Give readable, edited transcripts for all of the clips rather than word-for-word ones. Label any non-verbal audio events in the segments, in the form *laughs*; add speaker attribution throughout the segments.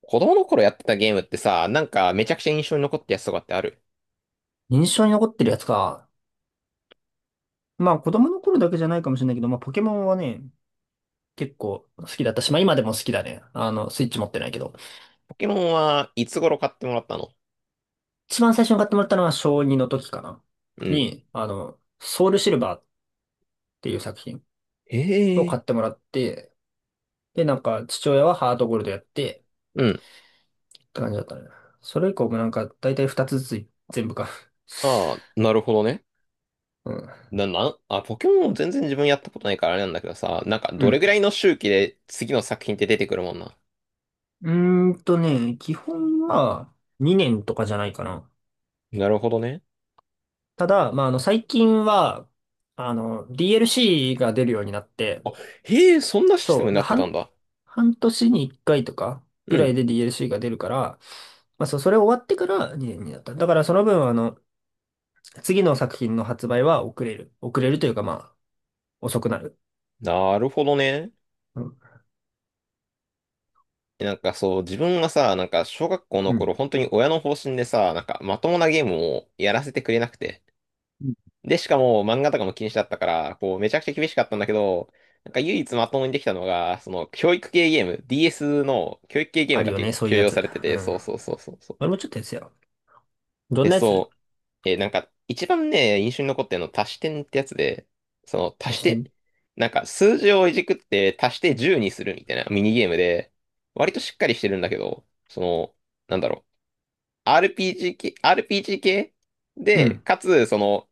Speaker 1: 子供の頃やってたゲームってさ、なんかめちゃくちゃ印象に残ったやつとかってある？
Speaker 2: 印象に残ってるやつか。まあ子供の頃だけじゃないかもしれないけど、まあポケモンはね、結構好きだったし、まあ今でも好きだね。スイッチ持ってないけど。
Speaker 1: ポケモンはいつ頃買ってもらったの？
Speaker 2: 一番最初に買ってもらったのは小2の時かな。
Speaker 1: うん。
Speaker 2: に、あの、ソウルシルバーっていう作品
Speaker 1: へ
Speaker 2: を買
Speaker 1: え。
Speaker 2: ってもらって、で、なんか父親はハートゴールドやって
Speaker 1: うん。
Speaker 2: って感じだったね。それ以降もなんか大体2つずつ全部か。
Speaker 1: ああ、
Speaker 2: *laughs*
Speaker 1: なるほどね。
Speaker 2: うん。
Speaker 1: な、な、あ、ポケモン全然自分やったことないからあれなんだけどさ、なんか
Speaker 2: う
Speaker 1: どれ
Speaker 2: ん。
Speaker 1: ぐらいの周期で次の作品って出てくるもんな？
Speaker 2: 基本は2年とかじゃないかな。
Speaker 1: なるほどね。
Speaker 2: ただ、まあ、最近は、DLC が出るようになって、
Speaker 1: あ、へえ、そんなシステ
Speaker 2: そ
Speaker 1: ムに
Speaker 2: う、
Speaker 1: なってたんだ。
Speaker 2: 半年に1回とか
Speaker 1: う
Speaker 2: ぐら
Speaker 1: ん。
Speaker 2: いで DLC が出るから、まあ、そう、それ終わってから2になった。だからその分、次の作品の発売は遅れる。遅れるというか、まあ、遅くなる。
Speaker 1: なるほどね。
Speaker 2: うん。
Speaker 1: なんかそう、自分がさ、なんか小学校の
Speaker 2: う
Speaker 1: 頃、
Speaker 2: ん
Speaker 1: 本当に親の方針でさ、なんかまともなゲームをやらせてくれなくて。
Speaker 2: うん。
Speaker 1: で、しかも漫画とかも禁止だったから、こう、めちゃくちゃ厳しかったんだけど、なんか唯一まともにできたのが、その、教育系ゲーム、DS の教育系ゲー
Speaker 2: あ
Speaker 1: ム
Speaker 2: る
Speaker 1: だ
Speaker 2: よ
Speaker 1: け
Speaker 2: ね、そうい
Speaker 1: 許
Speaker 2: うや
Speaker 1: 容
Speaker 2: つ。
Speaker 1: されて
Speaker 2: う
Speaker 1: て、そ
Speaker 2: ん。
Speaker 1: うそうそうそうそう。
Speaker 2: 俺もちょっとやつよ。どん
Speaker 1: で、
Speaker 2: なやつ
Speaker 1: そう、なんか、一番ね、印象に残ってるの、足し点ってやつで、その、足し
Speaker 2: 足してみ
Speaker 1: て、なんか、数字をいじくって足して10にするみたいなミニゲームで、割としっかりしてるんだけど、その、なんだろう、RPG 系
Speaker 2: う
Speaker 1: で、
Speaker 2: ん。
Speaker 1: かつ、その、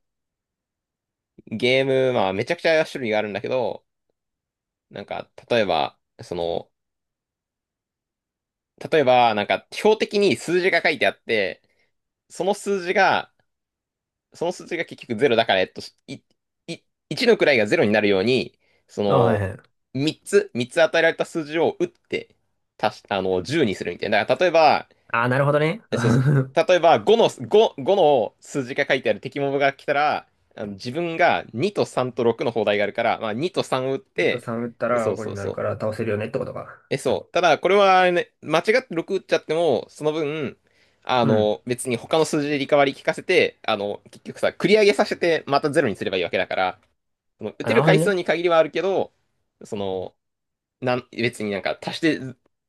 Speaker 1: ゲーム、まあ、めちゃくちゃ種類があるんだけど、なんか、例えば、その、例えば、なんか、標的に数字が書いてあって、その数字が、その数字が結局ゼロだから、えっと、い、い、1の位がゼロになるように、そ
Speaker 2: あ、はい
Speaker 1: の、
Speaker 2: はい。
Speaker 1: 3つ与えられた数字を打って、足し、あの、10にするみたいな。だから、例えば、
Speaker 2: ああ、なるほどね。
Speaker 1: えそうそう。
Speaker 2: *laughs*
Speaker 1: 例えば、5の数字が書いてある敵モブが来たら、あの自分が2と3と6の砲台があるから、まあ、2と3を打っ
Speaker 2: また
Speaker 1: て、
Speaker 2: 3打った
Speaker 1: そ
Speaker 2: ら
Speaker 1: う
Speaker 2: 5
Speaker 1: そ
Speaker 2: に
Speaker 1: う
Speaker 2: な
Speaker 1: そ
Speaker 2: る
Speaker 1: う。
Speaker 2: から倒せるよねってことか。
Speaker 1: え、そう。ただ、これはね、間違って6打っちゃっても、その分、あ
Speaker 2: うん。
Speaker 1: の、別に他の数字でリカバリー効かせて、あの、結局さ、繰り上げさせて、またゼロにすればいいわけだから、その、打
Speaker 2: あ、
Speaker 1: て
Speaker 2: な
Speaker 1: る
Speaker 2: るほど
Speaker 1: 回数
Speaker 2: ね。
Speaker 1: に限りはあるけど、その、なん、別になんか足して、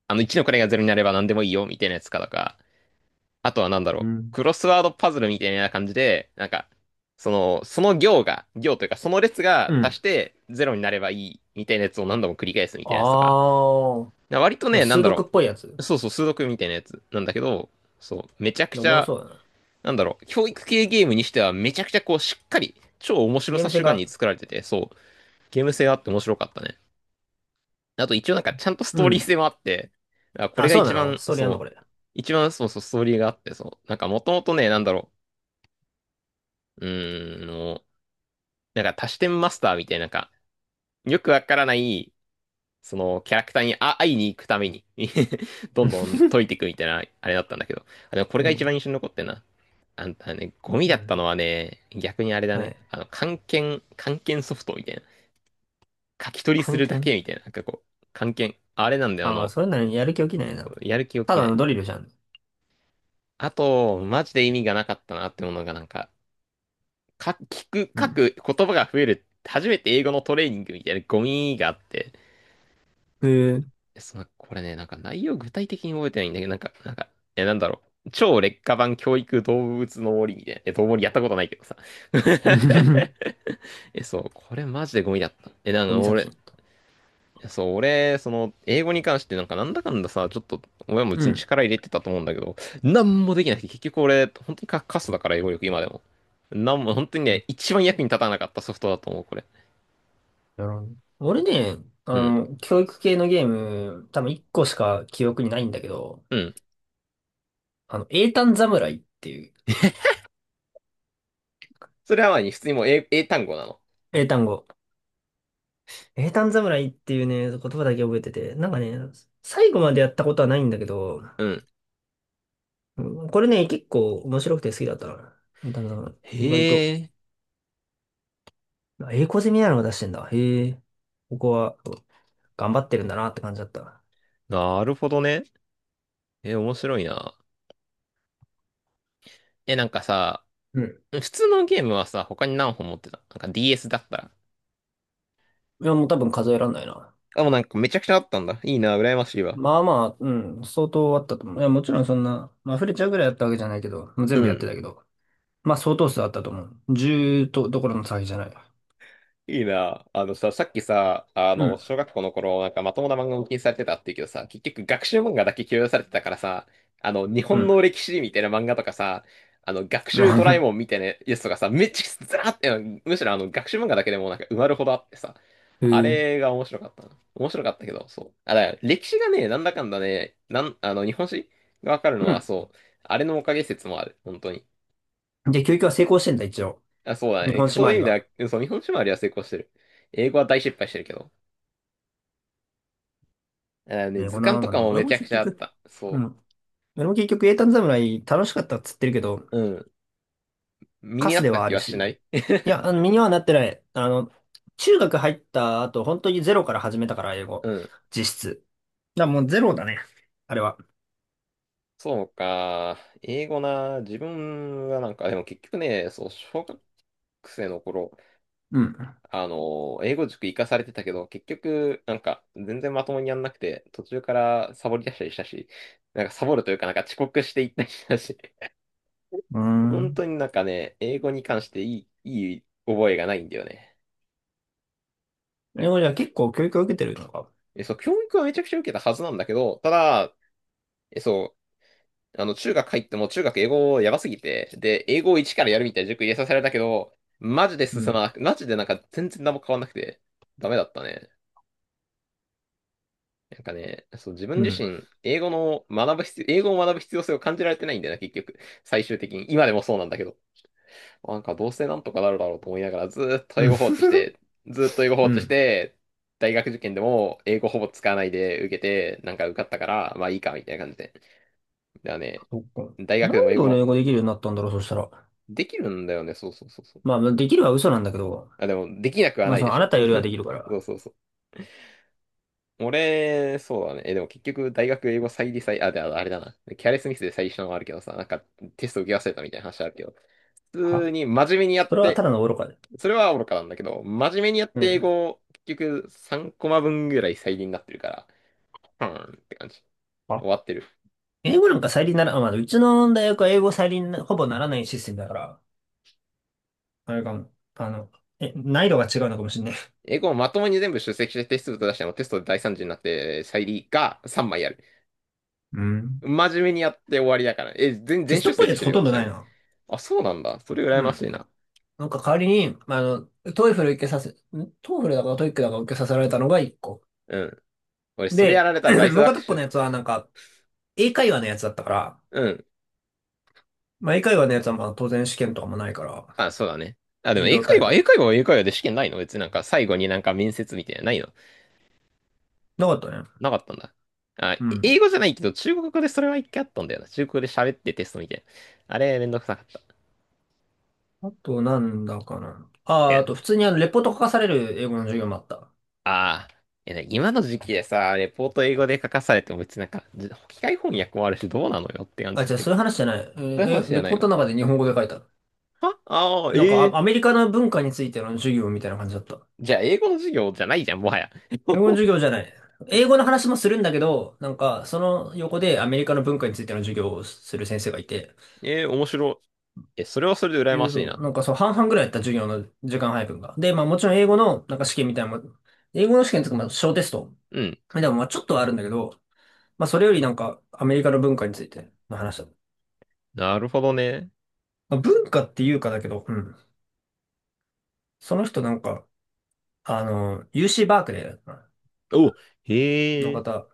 Speaker 1: あの、1の位がゼロになれば何でもいいよ、みたいなやつかとか、あとはなんだ
Speaker 2: う
Speaker 1: ろう、
Speaker 2: ん。
Speaker 1: クロスワードパズルみたいな感じで、なんか、その、その行が、行というか、その列
Speaker 2: う
Speaker 1: が足
Speaker 2: ん。
Speaker 1: してゼロになればいい、みたいなやつを何度も繰り返すみたいなやつとか、
Speaker 2: あ
Speaker 1: 割と
Speaker 2: あ、
Speaker 1: ね、なん
Speaker 2: 数
Speaker 1: だ
Speaker 2: 独
Speaker 1: ろ
Speaker 2: っぽいやつ。
Speaker 1: う、そうそう、数独みたいなやつなんだけど、そう、めちゃく
Speaker 2: でお
Speaker 1: ち
Speaker 2: もろ
Speaker 1: ゃ、
Speaker 2: そうだな。
Speaker 1: なんだろう、教育系ゲームにしてはめちゃくちゃこう、しっかり、超面白
Speaker 2: ゲー
Speaker 1: さ
Speaker 2: ム性
Speaker 1: 主眼
Speaker 2: が。
Speaker 1: に作られてて、そう、ゲーム性があって面白かったね。あと一応なんかちゃんとス
Speaker 2: う
Speaker 1: トーリー
Speaker 2: ん。
Speaker 1: 性もあって、あ、これ
Speaker 2: あ、
Speaker 1: が
Speaker 2: そう
Speaker 1: 一
Speaker 2: なの、
Speaker 1: 番、
Speaker 2: ストーリーあん
Speaker 1: そ
Speaker 2: のこ
Speaker 1: う、
Speaker 2: れ？
Speaker 1: 一番そうそう、ストーリーがあって、そう、なんかもともとね、なんだろう、うーん、もう、なんか多視点マスターみたいな、なんか、よくわからない、そのキャラクターにあ会いに行くために *laughs* どんどん解いて
Speaker 2: *laughs*
Speaker 1: いくみたいな、あれだったんだけど、あ、でもこれが
Speaker 2: う
Speaker 1: 一
Speaker 2: ん。
Speaker 1: 番印象に残ってんな。あんたね、ゴミ
Speaker 2: う
Speaker 1: だった
Speaker 2: ん、
Speaker 1: のはね、逆にあれだ
Speaker 2: は
Speaker 1: ね。
Speaker 2: い。
Speaker 1: あの、漢検、漢検ソフトみたいな。書き取りす
Speaker 2: 関
Speaker 1: るだ
Speaker 2: 係
Speaker 1: けみたいな。なんかこう、漢検。あれなんだよ、あ
Speaker 2: あ、まあ、
Speaker 1: の、
Speaker 2: そういうのにやる気起きないな。
Speaker 1: やる気起
Speaker 2: た
Speaker 1: きな
Speaker 2: だの
Speaker 1: い。
Speaker 2: ドリルじゃん。
Speaker 1: あと、マジで意味がなかったなってものがなんか、聞く、
Speaker 2: う
Speaker 1: 書
Speaker 2: ん。
Speaker 1: く言葉が増える。初めて英語のトレーニングみたいなゴミがあって。
Speaker 2: へえ。
Speaker 1: その、これね、なんか内容具体的に覚えてないんだけど、なんか、なんか、え、なんだろう。超劣化版教育動物の森みたいな。え、動物やったことないけどさ。*laughs*
Speaker 2: *laughs*
Speaker 1: え、そう、これマジでゴミだった。え、なん
Speaker 2: ゴ
Speaker 1: か
Speaker 2: ミ作
Speaker 1: 俺、
Speaker 2: 品と。
Speaker 1: いや、そう、俺、その、英語に関してなんかなんだかんださ、ちょっと、親も
Speaker 2: う
Speaker 1: 別に
Speaker 2: ん。
Speaker 1: 力入れてたと思うんだけど、なんもできなくて、結局俺、本当にカカスだから、英語力、今でも。なんも、本当にね、一番役に立たなかったソフトだと思う、これ。
Speaker 2: やろうね俺ね、
Speaker 1: うん。
Speaker 2: 教育系のゲーム、多分1個しか記憶にないんだけど、
Speaker 1: うん。
Speaker 2: 英単侍っていう、
Speaker 1: *laughs* それはまあ普通にもう英単語なの。
Speaker 2: 英単語。英単侍っていうね、言葉だけ覚えてて、なんかね、最後までやったことはないんだけど、
Speaker 1: うん。
Speaker 2: うん、これね、結構面白くて好きだったな。英単侍。意外と。
Speaker 1: へえ、
Speaker 2: あ、英語攻めなのが出してんだ。へえ。ここは頑張ってるんだなって感じだった。
Speaker 1: なるほどね。え、面白いな。え、なんかさ、
Speaker 2: うん。
Speaker 1: 普通のゲームはさ、他に何本持ってたなんか DS だったら。
Speaker 2: いや、もう多分数えらんないな。
Speaker 1: あ、もうなんかめちゃくちゃあったんだ。いいな、羨ましいわ。
Speaker 2: まあまあ、うん、相当あったと思う。いや、もちろんそんな、まあ、溢れちゃうぐらいやったわけじゃないけど、もう
Speaker 1: う
Speaker 2: 全部やって
Speaker 1: ん。
Speaker 2: たけど。まあ相当数あったと思う。10とどころの騒ぎじゃない。
Speaker 1: いいな。あのさ、さっきさ、あ
Speaker 2: う
Speaker 1: の、
Speaker 2: ん、
Speaker 1: 小学校の頃、なんかまともな漫画を禁止されてたって言うけどさ、結局学習漫画だけ許容されてたからさ、あの、日
Speaker 2: う
Speaker 1: 本
Speaker 2: ん。
Speaker 1: の歴史みたいな漫画とかさ、あの、学習ドラえもんみ
Speaker 2: *laughs*
Speaker 1: たいなやつとかさ、めっちゃずらーって、むしろあの、学習漫画だけでもなんか埋まるほどあってさ、
Speaker 2: へ
Speaker 1: あ
Speaker 2: え。
Speaker 1: れが面白かったな。面白かったけど、そう。あ、だから歴史がね、なんだかんだね、あの、日本史がわかるの
Speaker 2: う
Speaker 1: は、
Speaker 2: ん。
Speaker 1: そう、あれのおかげ説もある、本当に。
Speaker 2: で、教育は成功してんだ、一応。
Speaker 1: あ、そうだ
Speaker 2: 日
Speaker 1: ね。
Speaker 2: 本酒
Speaker 1: そう
Speaker 2: 周
Speaker 1: いう意
Speaker 2: り
Speaker 1: 味で
Speaker 2: は。
Speaker 1: は、そう、日本史周りは成功してる。英語は大失敗してるけど。あね、
Speaker 2: ね、こ
Speaker 1: 図
Speaker 2: の
Speaker 1: 鑑
Speaker 2: ま
Speaker 1: と
Speaker 2: まで
Speaker 1: か
Speaker 2: も、
Speaker 1: も
Speaker 2: 俺
Speaker 1: め
Speaker 2: も
Speaker 1: ちゃ
Speaker 2: 結
Speaker 1: くちゃあっ
Speaker 2: 局、
Speaker 1: た。
Speaker 2: う
Speaker 1: そ
Speaker 2: ん。俺も結局、英単侍楽しかったっつってるけど、
Speaker 1: う。うん。身
Speaker 2: カ
Speaker 1: に合
Speaker 2: ス
Speaker 1: っ
Speaker 2: で
Speaker 1: た
Speaker 2: はあ
Speaker 1: 気
Speaker 2: る
Speaker 1: はし
Speaker 2: し。
Speaker 1: ない *laughs*
Speaker 2: いや、身にはなってない。中学入った後、本当にゼロから始めたから、英語。
Speaker 1: うん。
Speaker 2: 実質。だからもうゼロだね。あれは。
Speaker 1: そうか。英語な。自分はなんか、でも結局ね、そう、小学生の頃、
Speaker 2: うん。う
Speaker 1: あの、英語塾行かされてたけど、結局、なんか、全然まともにやんなくて、途中からサボり出したりしたし、なんかサボるというか、なんか遅刻していったりしたし、
Speaker 2: ー
Speaker 1: *laughs* 本
Speaker 2: ん。
Speaker 1: 当になんかね、英語に関していい覚えがないんだよね。
Speaker 2: 英語じゃ結構教育を受けてるのか。
Speaker 1: え、そう、教育はめちゃくちゃ受けたはずなんだけど、ただ、え、そう、あの、中学入っても中学英語やばすぎて、で、英語を一からやるみたいな塾入れさせられたけど、マジで
Speaker 2: う
Speaker 1: 進ま
Speaker 2: ん。
Speaker 1: なく、マジでなんか全然何も変わんなくて、ダメだったね。なんかね、そう、自分
Speaker 2: う
Speaker 1: 自
Speaker 2: ん。
Speaker 1: 身、英語の学ぶ必要、英語を学ぶ必要性を感じられてないんだよな、結局。最終的に。今でもそうなんだけど。なんかどうせなんとかなるだろうと思いながら、ずーっと英
Speaker 2: うん。
Speaker 1: 語放置し
Speaker 2: *laughs*
Speaker 1: て、ずーっと英語放
Speaker 2: う
Speaker 1: 置し
Speaker 2: ん。
Speaker 1: て、大学受験でも英語ほぼ使わないで受けて、なんか受かったから、まあいいか、みたいな感じで。だからね、
Speaker 2: そっか。
Speaker 1: 大学
Speaker 2: な
Speaker 1: で
Speaker 2: ん
Speaker 1: も英
Speaker 2: で俺英
Speaker 1: 語、
Speaker 2: 語できるようになったんだろう、そしたら。
Speaker 1: できるんだよね、そうそうそうそう。
Speaker 2: まあ、できるは嘘なんだけど、
Speaker 1: あ、でも、できなくは
Speaker 2: ま
Speaker 1: な
Speaker 2: あ、
Speaker 1: い
Speaker 2: そ
Speaker 1: で
Speaker 2: の、あ
Speaker 1: し
Speaker 2: な
Speaker 1: ょ。
Speaker 2: たよりはで
Speaker 1: *laughs*
Speaker 2: きるか
Speaker 1: そ
Speaker 2: ら。
Speaker 1: うそうそう。俺、そうだね。え、でも結局、大学英語再利再、あ、で、ああれだな。キャレスミスで再利したのもあるけどさ、なんか、テスト受け忘れたみたいな話あるけど、普
Speaker 2: は、
Speaker 1: 通に真面目にや
Speaker 2: そ
Speaker 1: っ
Speaker 2: れはた
Speaker 1: て、
Speaker 2: だの愚かで。
Speaker 1: それは愚かなんだけど、真面目にやっ
Speaker 2: う
Speaker 1: て英
Speaker 2: ん。
Speaker 1: 語を、結局、3コマ分ぐらい再利になってるから、うーんって感じ。
Speaker 2: あ、
Speaker 1: 終わってる。
Speaker 2: 英語なんか再利になら、あ、まあ、うちの大学は英語再利になほぼならないシステムだから、あれかも、難易度が違うのかもしれない。
Speaker 1: 英語をまともに全部出席してテスト出してもテストで大惨事になって再利が3枚ある。
Speaker 2: うん。
Speaker 1: 真面目にやって終わりだから。え、全、
Speaker 2: テ
Speaker 1: 全
Speaker 2: ス
Speaker 1: 出
Speaker 2: トっぽい
Speaker 1: 席
Speaker 2: や
Speaker 1: し
Speaker 2: つ
Speaker 1: てる
Speaker 2: ほ
Speaker 1: よ、
Speaker 2: とん
Speaker 1: ち
Speaker 2: ど
Speaker 1: な
Speaker 2: な
Speaker 1: み
Speaker 2: い
Speaker 1: に。
Speaker 2: な。
Speaker 1: あ、そうなんだ。それ羨
Speaker 2: う
Speaker 1: ま
Speaker 2: ん。
Speaker 1: しいな。
Speaker 2: なんか代わりに、まあの、トイフル受けさせ、んトイフルだかトイックだか受けさせられたのが1個。
Speaker 1: うん。俺、それや
Speaker 2: で、
Speaker 1: られたらダイ
Speaker 2: *clears throat*
Speaker 1: ス
Speaker 2: もう
Speaker 1: 学
Speaker 2: 片っぽの
Speaker 1: 習。
Speaker 2: やつはなんか、英会話のやつだったから、
Speaker 1: うん。
Speaker 2: まあ、英会話のやつはまあ当然試験とかもないから、
Speaker 1: あ、そうだね。あ、でも
Speaker 2: 授
Speaker 1: 英
Speaker 2: 業
Speaker 1: 会
Speaker 2: 態
Speaker 1: 話、
Speaker 2: 度。
Speaker 1: 英会話は英会話で試験ないの、別になんか最後になんか面接みたいなのないの、
Speaker 2: なかったね。
Speaker 1: なかったんだ。あ、
Speaker 2: う
Speaker 1: 英
Speaker 2: ん。
Speaker 1: 語じゃないけど、中国語でそれは一回あったんだよな。中国語で喋ってテストみたいな。あれ、めんどくさかった。
Speaker 2: あとなんだかな。ああ、
Speaker 1: で、
Speaker 2: あと普通にレポート書かされる英語の授業もあった。
Speaker 1: ああ、え、ね、今の時期でさ、レポート英語で書かされても別になんか、機械翻訳もあるしどうなのよって感じ
Speaker 2: あ、
Speaker 1: だ
Speaker 2: じゃあ
Speaker 1: けど。
Speaker 2: そういう
Speaker 1: そ
Speaker 2: 話じゃない。え
Speaker 1: ういう
Speaker 2: ー
Speaker 1: 話
Speaker 2: え
Speaker 1: じゃ
Speaker 2: レ
Speaker 1: な
Speaker 2: ポ
Speaker 1: い
Speaker 2: ー
Speaker 1: の。
Speaker 2: トの中で日本語で書いた。
Speaker 1: はああー、
Speaker 2: なんか、
Speaker 1: ええ、
Speaker 2: アメリカの文化についての授業みたいな感じだった。
Speaker 1: じゃあ英語の授業じゃないじゃん、もはや。
Speaker 2: 英語の
Speaker 1: *laughs*
Speaker 2: 授業じゃない。英語の話もするんだけど、なんか、その横でアメリカの文化についての授業をする先生がいて、
Speaker 1: ええ、面白い。え、それはそれで羨ましいな。
Speaker 2: なんかそう、半々ぐらいやった授業の時間配分が。で、まあもちろん英語のなんか試験みたいなのも、英語の試験とかまあ小テスト。
Speaker 1: うん。
Speaker 2: でもまあちょっとはあるんだけど、まあそれよりなんかアメリカの文化についての話だ。
Speaker 1: なるほどね。
Speaker 2: まあ文化っていうかだけど、うん。その人なんか、UC バークレーだったな
Speaker 1: お、へ
Speaker 2: の
Speaker 1: え。
Speaker 2: 方。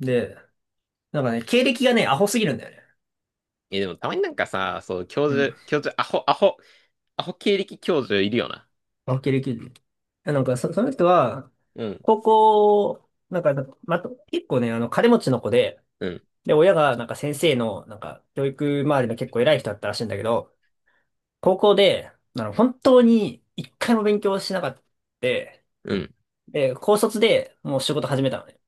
Speaker 2: で、なんかね、経歴がね、アホすぎるんだよね。
Speaker 1: え、でもたまになんかさ、そう、教
Speaker 2: うん。
Speaker 1: 授、教授、アホ、アホ、アホ経歴教授いるよな。
Speaker 2: あ、経歴で。その人は、
Speaker 1: うん、
Speaker 2: 高校、なんか、ま、結構ね、金持ちの子で、
Speaker 1: うん、
Speaker 2: で、親が、なんか先生の、なんか、教育周りの結構偉い人だったらしいんだけど、高校で、本当に一回も勉強しなかった。で、
Speaker 1: うん。
Speaker 2: 高卒でもう仕事始めたのね。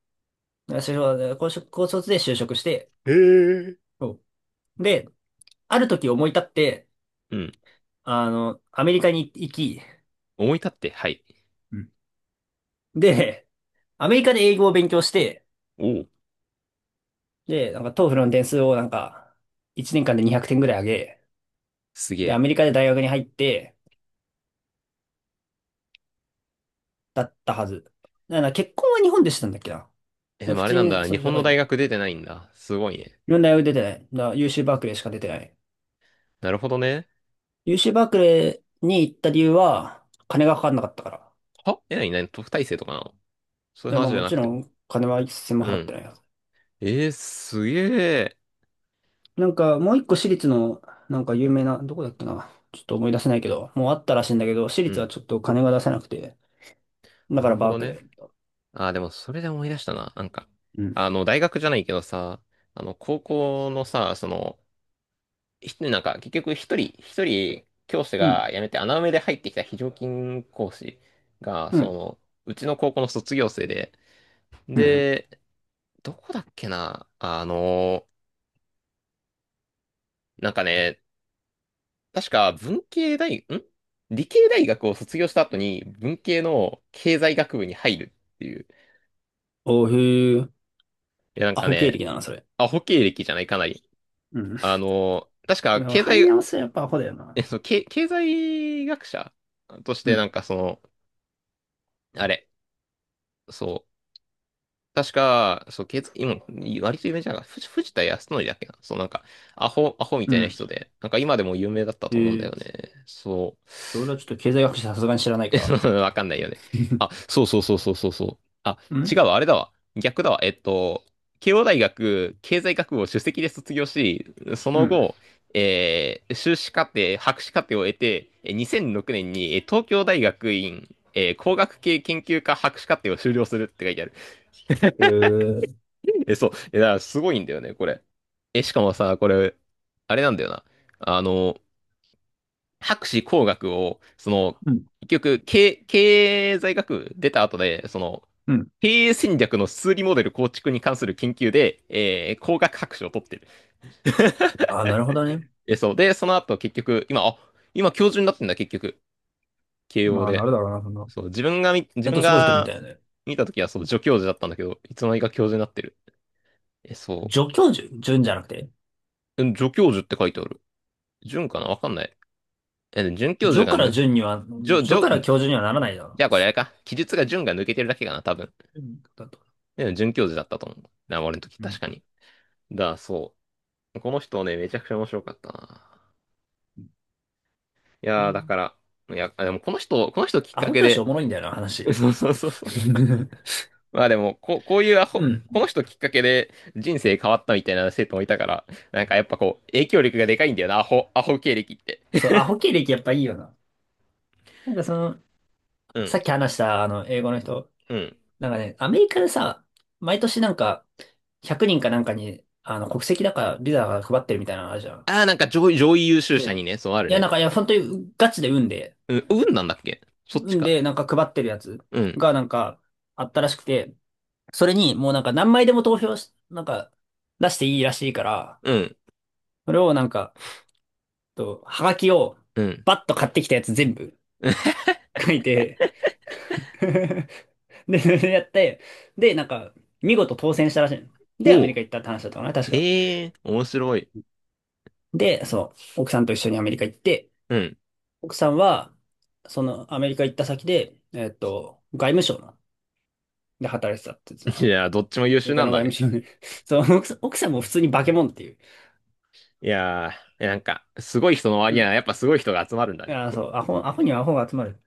Speaker 2: 高卒高卒で就職して、
Speaker 1: へえ。
Speaker 2: そうで、ある時思い立って、
Speaker 1: うん。
Speaker 2: アメリカに行き、
Speaker 1: 思い立って、はい。
Speaker 2: で、アメリカで英語を勉強して、
Speaker 1: おう、
Speaker 2: で、なんかト o フルの点数をなんか、1年間で200点ぐらい上げ、
Speaker 1: すげ
Speaker 2: で、ア
Speaker 1: え。
Speaker 2: メリカで大学に入って、だったはず。だから結婚は日本でしたんだっけな。
Speaker 1: え、で
Speaker 2: 普
Speaker 1: もあれ
Speaker 2: 通
Speaker 1: なん
Speaker 2: に、
Speaker 1: だ。
Speaker 2: そ
Speaker 1: 日
Speaker 2: う、社
Speaker 1: 本の
Speaker 2: 会
Speaker 1: 大
Speaker 2: 人、
Speaker 1: 学出てないんだ。すごいね。
Speaker 2: いろんな大学出てない。だから UC バークレーしか出てない。
Speaker 1: なるほどね。
Speaker 2: UC バークレーに行った理由は、金がかかんなかったから。
Speaker 1: はえ、なになに、特待生とかなの、そう
Speaker 2: い
Speaker 1: いう
Speaker 2: や、
Speaker 1: 話
Speaker 2: まあ
Speaker 1: じゃ
Speaker 2: も
Speaker 1: な
Speaker 2: ち
Speaker 1: く
Speaker 2: ろ
Speaker 1: て。
Speaker 2: ん、金は一銭も
Speaker 1: う
Speaker 2: 払って
Speaker 1: ん。
Speaker 2: ないよ。
Speaker 1: すげえ。
Speaker 2: なんか、もう一個私立の、なんか有名な、どこだっけな。ちょっと思い出せないけど、もうあったらしいんだけど、私
Speaker 1: う
Speaker 2: 立は
Speaker 1: ん。
Speaker 2: ちょっと金が出せなくて、だ
Speaker 1: な
Speaker 2: か
Speaker 1: る
Speaker 2: ら
Speaker 1: ほ
Speaker 2: バー
Speaker 1: ど
Speaker 2: クレ
Speaker 1: ね。
Speaker 2: ーみたいな。
Speaker 1: ああ、でもそれで思い出したな。なんか、
Speaker 2: うん。
Speaker 1: あの、大学じゃないけどさ、あの、高校のさ、その、なんか、結局一人、教師
Speaker 2: う
Speaker 1: が
Speaker 2: ん。
Speaker 1: 辞めて穴埋めで入ってきた非常勤講師が、
Speaker 2: う
Speaker 1: そ
Speaker 2: ん。
Speaker 1: の、うちの高校の卒業生で、
Speaker 2: うん。
Speaker 1: で、どこだっけな、あの、なんかね、確か文系大、ん理系大学を卒業した後に文系の経済学部に入るっていう。
Speaker 2: おー、へー。
Speaker 1: いや、なん
Speaker 2: ア
Speaker 1: か
Speaker 2: ホ経
Speaker 1: ね、
Speaker 2: 歴だな、それ。
Speaker 1: アホ経歴じゃないかなり。
Speaker 2: うん。
Speaker 1: あの、確か
Speaker 2: でも
Speaker 1: 経
Speaker 2: 入り
Speaker 1: 済、
Speaker 2: 直すはやっぱアホだよ
Speaker 1: *laughs* え、
Speaker 2: な。
Speaker 1: その、経済学者とし
Speaker 2: う
Speaker 1: てな
Speaker 2: ん。
Speaker 1: んかその、あれ、そう、確か、そう、経済、今、割と有名じゃない、藤田康則だっけな。そう、なんか、アホみ
Speaker 2: う
Speaker 1: たいな
Speaker 2: ん。
Speaker 1: 人で、なんか今でも有名だった
Speaker 2: へ
Speaker 1: と思うんだよ
Speaker 2: ー。
Speaker 1: ね。そう。
Speaker 2: 俺はちょっと経済学者さすがに知らないから。
Speaker 1: *laughs* わかんないよね。あ、そうそうそうそうそうそう。あ、
Speaker 2: う
Speaker 1: 違う
Speaker 2: ん。
Speaker 1: わ、あれだわ。逆だわ。慶応大学経済学部を首席で卒業し、そ
Speaker 2: う
Speaker 1: の
Speaker 2: ん。
Speaker 1: 後、修士課程、博士課程を得て、2006年に東京大学院、工学系研究科博士課程を修了するって書いてある。
Speaker 2: へー。
Speaker 1: *laughs* え、そう。え、だからすごいんだよね、これ。え、しかもさ、これ、あれなんだよな。あの、博士工学を、その、
Speaker 2: うん。
Speaker 1: 結局、経済学部出た後で、その、
Speaker 2: うん。
Speaker 1: 経営戦略の数理モデル構築に関する研究で、工学博士を取ってる。*laughs*
Speaker 2: ああ、なるほどね。
Speaker 1: え、そう。で、その後結局、今教授になってんだ、結局。慶応
Speaker 2: まあ、な
Speaker 1: で。
Speaker 2: るだろうな、そんな。
Speaker 1: そう、自
Speaker 2: あ
Speaker 1: 分
Speaker 2: とすごい人みた
Speaker 1: が
Speaker 2: いだよね。
Speaker 1: 見たときは、そう、助教授だったんだけど、いつの間にか教授になってる。え、そ
Speaker 2: 助教授、順じゃなくて。
Speaker 1: う。うん、助教授って書いてある。準かなわかんない。え、準教授
Speaker 2: 助
Speaker 1: が
Speaker 2: から
Speaker 1: 抜く。
Speaker 2: 順には、
Speaker 1: じょ、じ
Speaker 2: 助
Speaker 1: ょ、
Speaker 2: から教授にはならないだろ
Speaker 1: じゃあこれあれか。記述が準が抜けてるだけかな、多分。
Speaker 2: う。うんだと。
Speaker 1: で、準教授だったと思うな、俺の時、
Speaker 2: うん。
Speaker 1: 確かに。そう。この人ね、めちゃくちゃ面白かったな。い
Speaker 2: う
Speaker 1: やー、だか
Speaker 2: ん、
Speaker 1: ら、いや、あ、でもこの人、きっ
Speaker 2: ア
Speaker 1: か
Speaker 2: ホ
Speaker 1: け
Speaker 2: 教師お
Speaker 1: で、
Speaker 2: もろいんだよな、話。
Speaker 1: *laughs* そうそうそうそう。
Speaker 2: *laughs*
Speaker 1: まあでも、こういうア
Speaker 2: う
Speaker 1: ホ、
Speaker 2: ん。
Speaker 1: この人きっかけで人生変わったみたいな生徒もいたから、なんかやっぱこう、影響力がでかいんだよな、アホ、アホ経歴って。
Speaker 2: そう、アホ経歴やっぱいいよな。なんかその、
Speaker 1: う
Speaker 2: さ
Speaker 1: ん、
Speaker 2: っき話した英語の人、
Speaker 1: うん。
Speaker 2: なんかね、アメリカでさ、毎年なんか、100人かなんかに、国籍だからビザが配ってるみたいなのあるじゃん。
Speaker 1: ああ、なんか上位優秀
Speaker 2: そう
Speaker 1: 者にね、そう、ある
Speaker 2: いや、
Speaker 1: ね。
Speaker 2: なんか、いや、本当にガチで運で、
Speaker 1: うん、運なんだっけ、そっち
Speaker 2: 運
Speaker 1: か。
Speaker 2: でなんか配ってるやつ
Speaker 1: うん、
Speaker 2: がなんか、あったらしくて、それにもうなんか何枚でも投票し、なんか、出していいらしいから、
Speaker 1: うん、
Speaker 2: それをなんか、と、はがきを、
Speaker 1: うん。
Speaker 2: バッと買ってきたやつ全部
Speaker 1: *laughs*
Speaker 2: 書いて、*laughs* で、それやって、で、なんか、見事当選したらしいの。で、アメ
Speaker 1: お
Speaker 2: リカ
Speaker 1: う。
Speaker 2: 行ったって話だったかな、確か。
Speaker 1: へえ、面白い。
Speaker 2: で、そう、奥さんと一緒にアメリカ行って、
Speaker 1: うん。
Speaker 2: 奥さんは、そのアメリカ行った先で、外務省ので働いてたって言ってた、
Speaker 1: い
Speaker 2: ア
Speaker 1: やー、どっちも優
Speaker 2: メ
Speaker 1: 秀
Speaker 2: リ
Speaker 1: な
Speaker 2: カ
Speaker 1: ん
Speaker 2: の
Speaker 1: だ
Speaker 2: 外務
Speaker 1: ね。
Speaker 2: 省に。*laughs* そう、奥さんも普通に化け物っていう。
Speaker 1: いやー、なんか、すごい人の
Speaker 2: う
Speaker 1: 割には、
Speaker 2: ん。
Speaker 1: やっぱすごい人が集まるんだね。
Speaker 2: あ、そう、アホにはアホが集まる。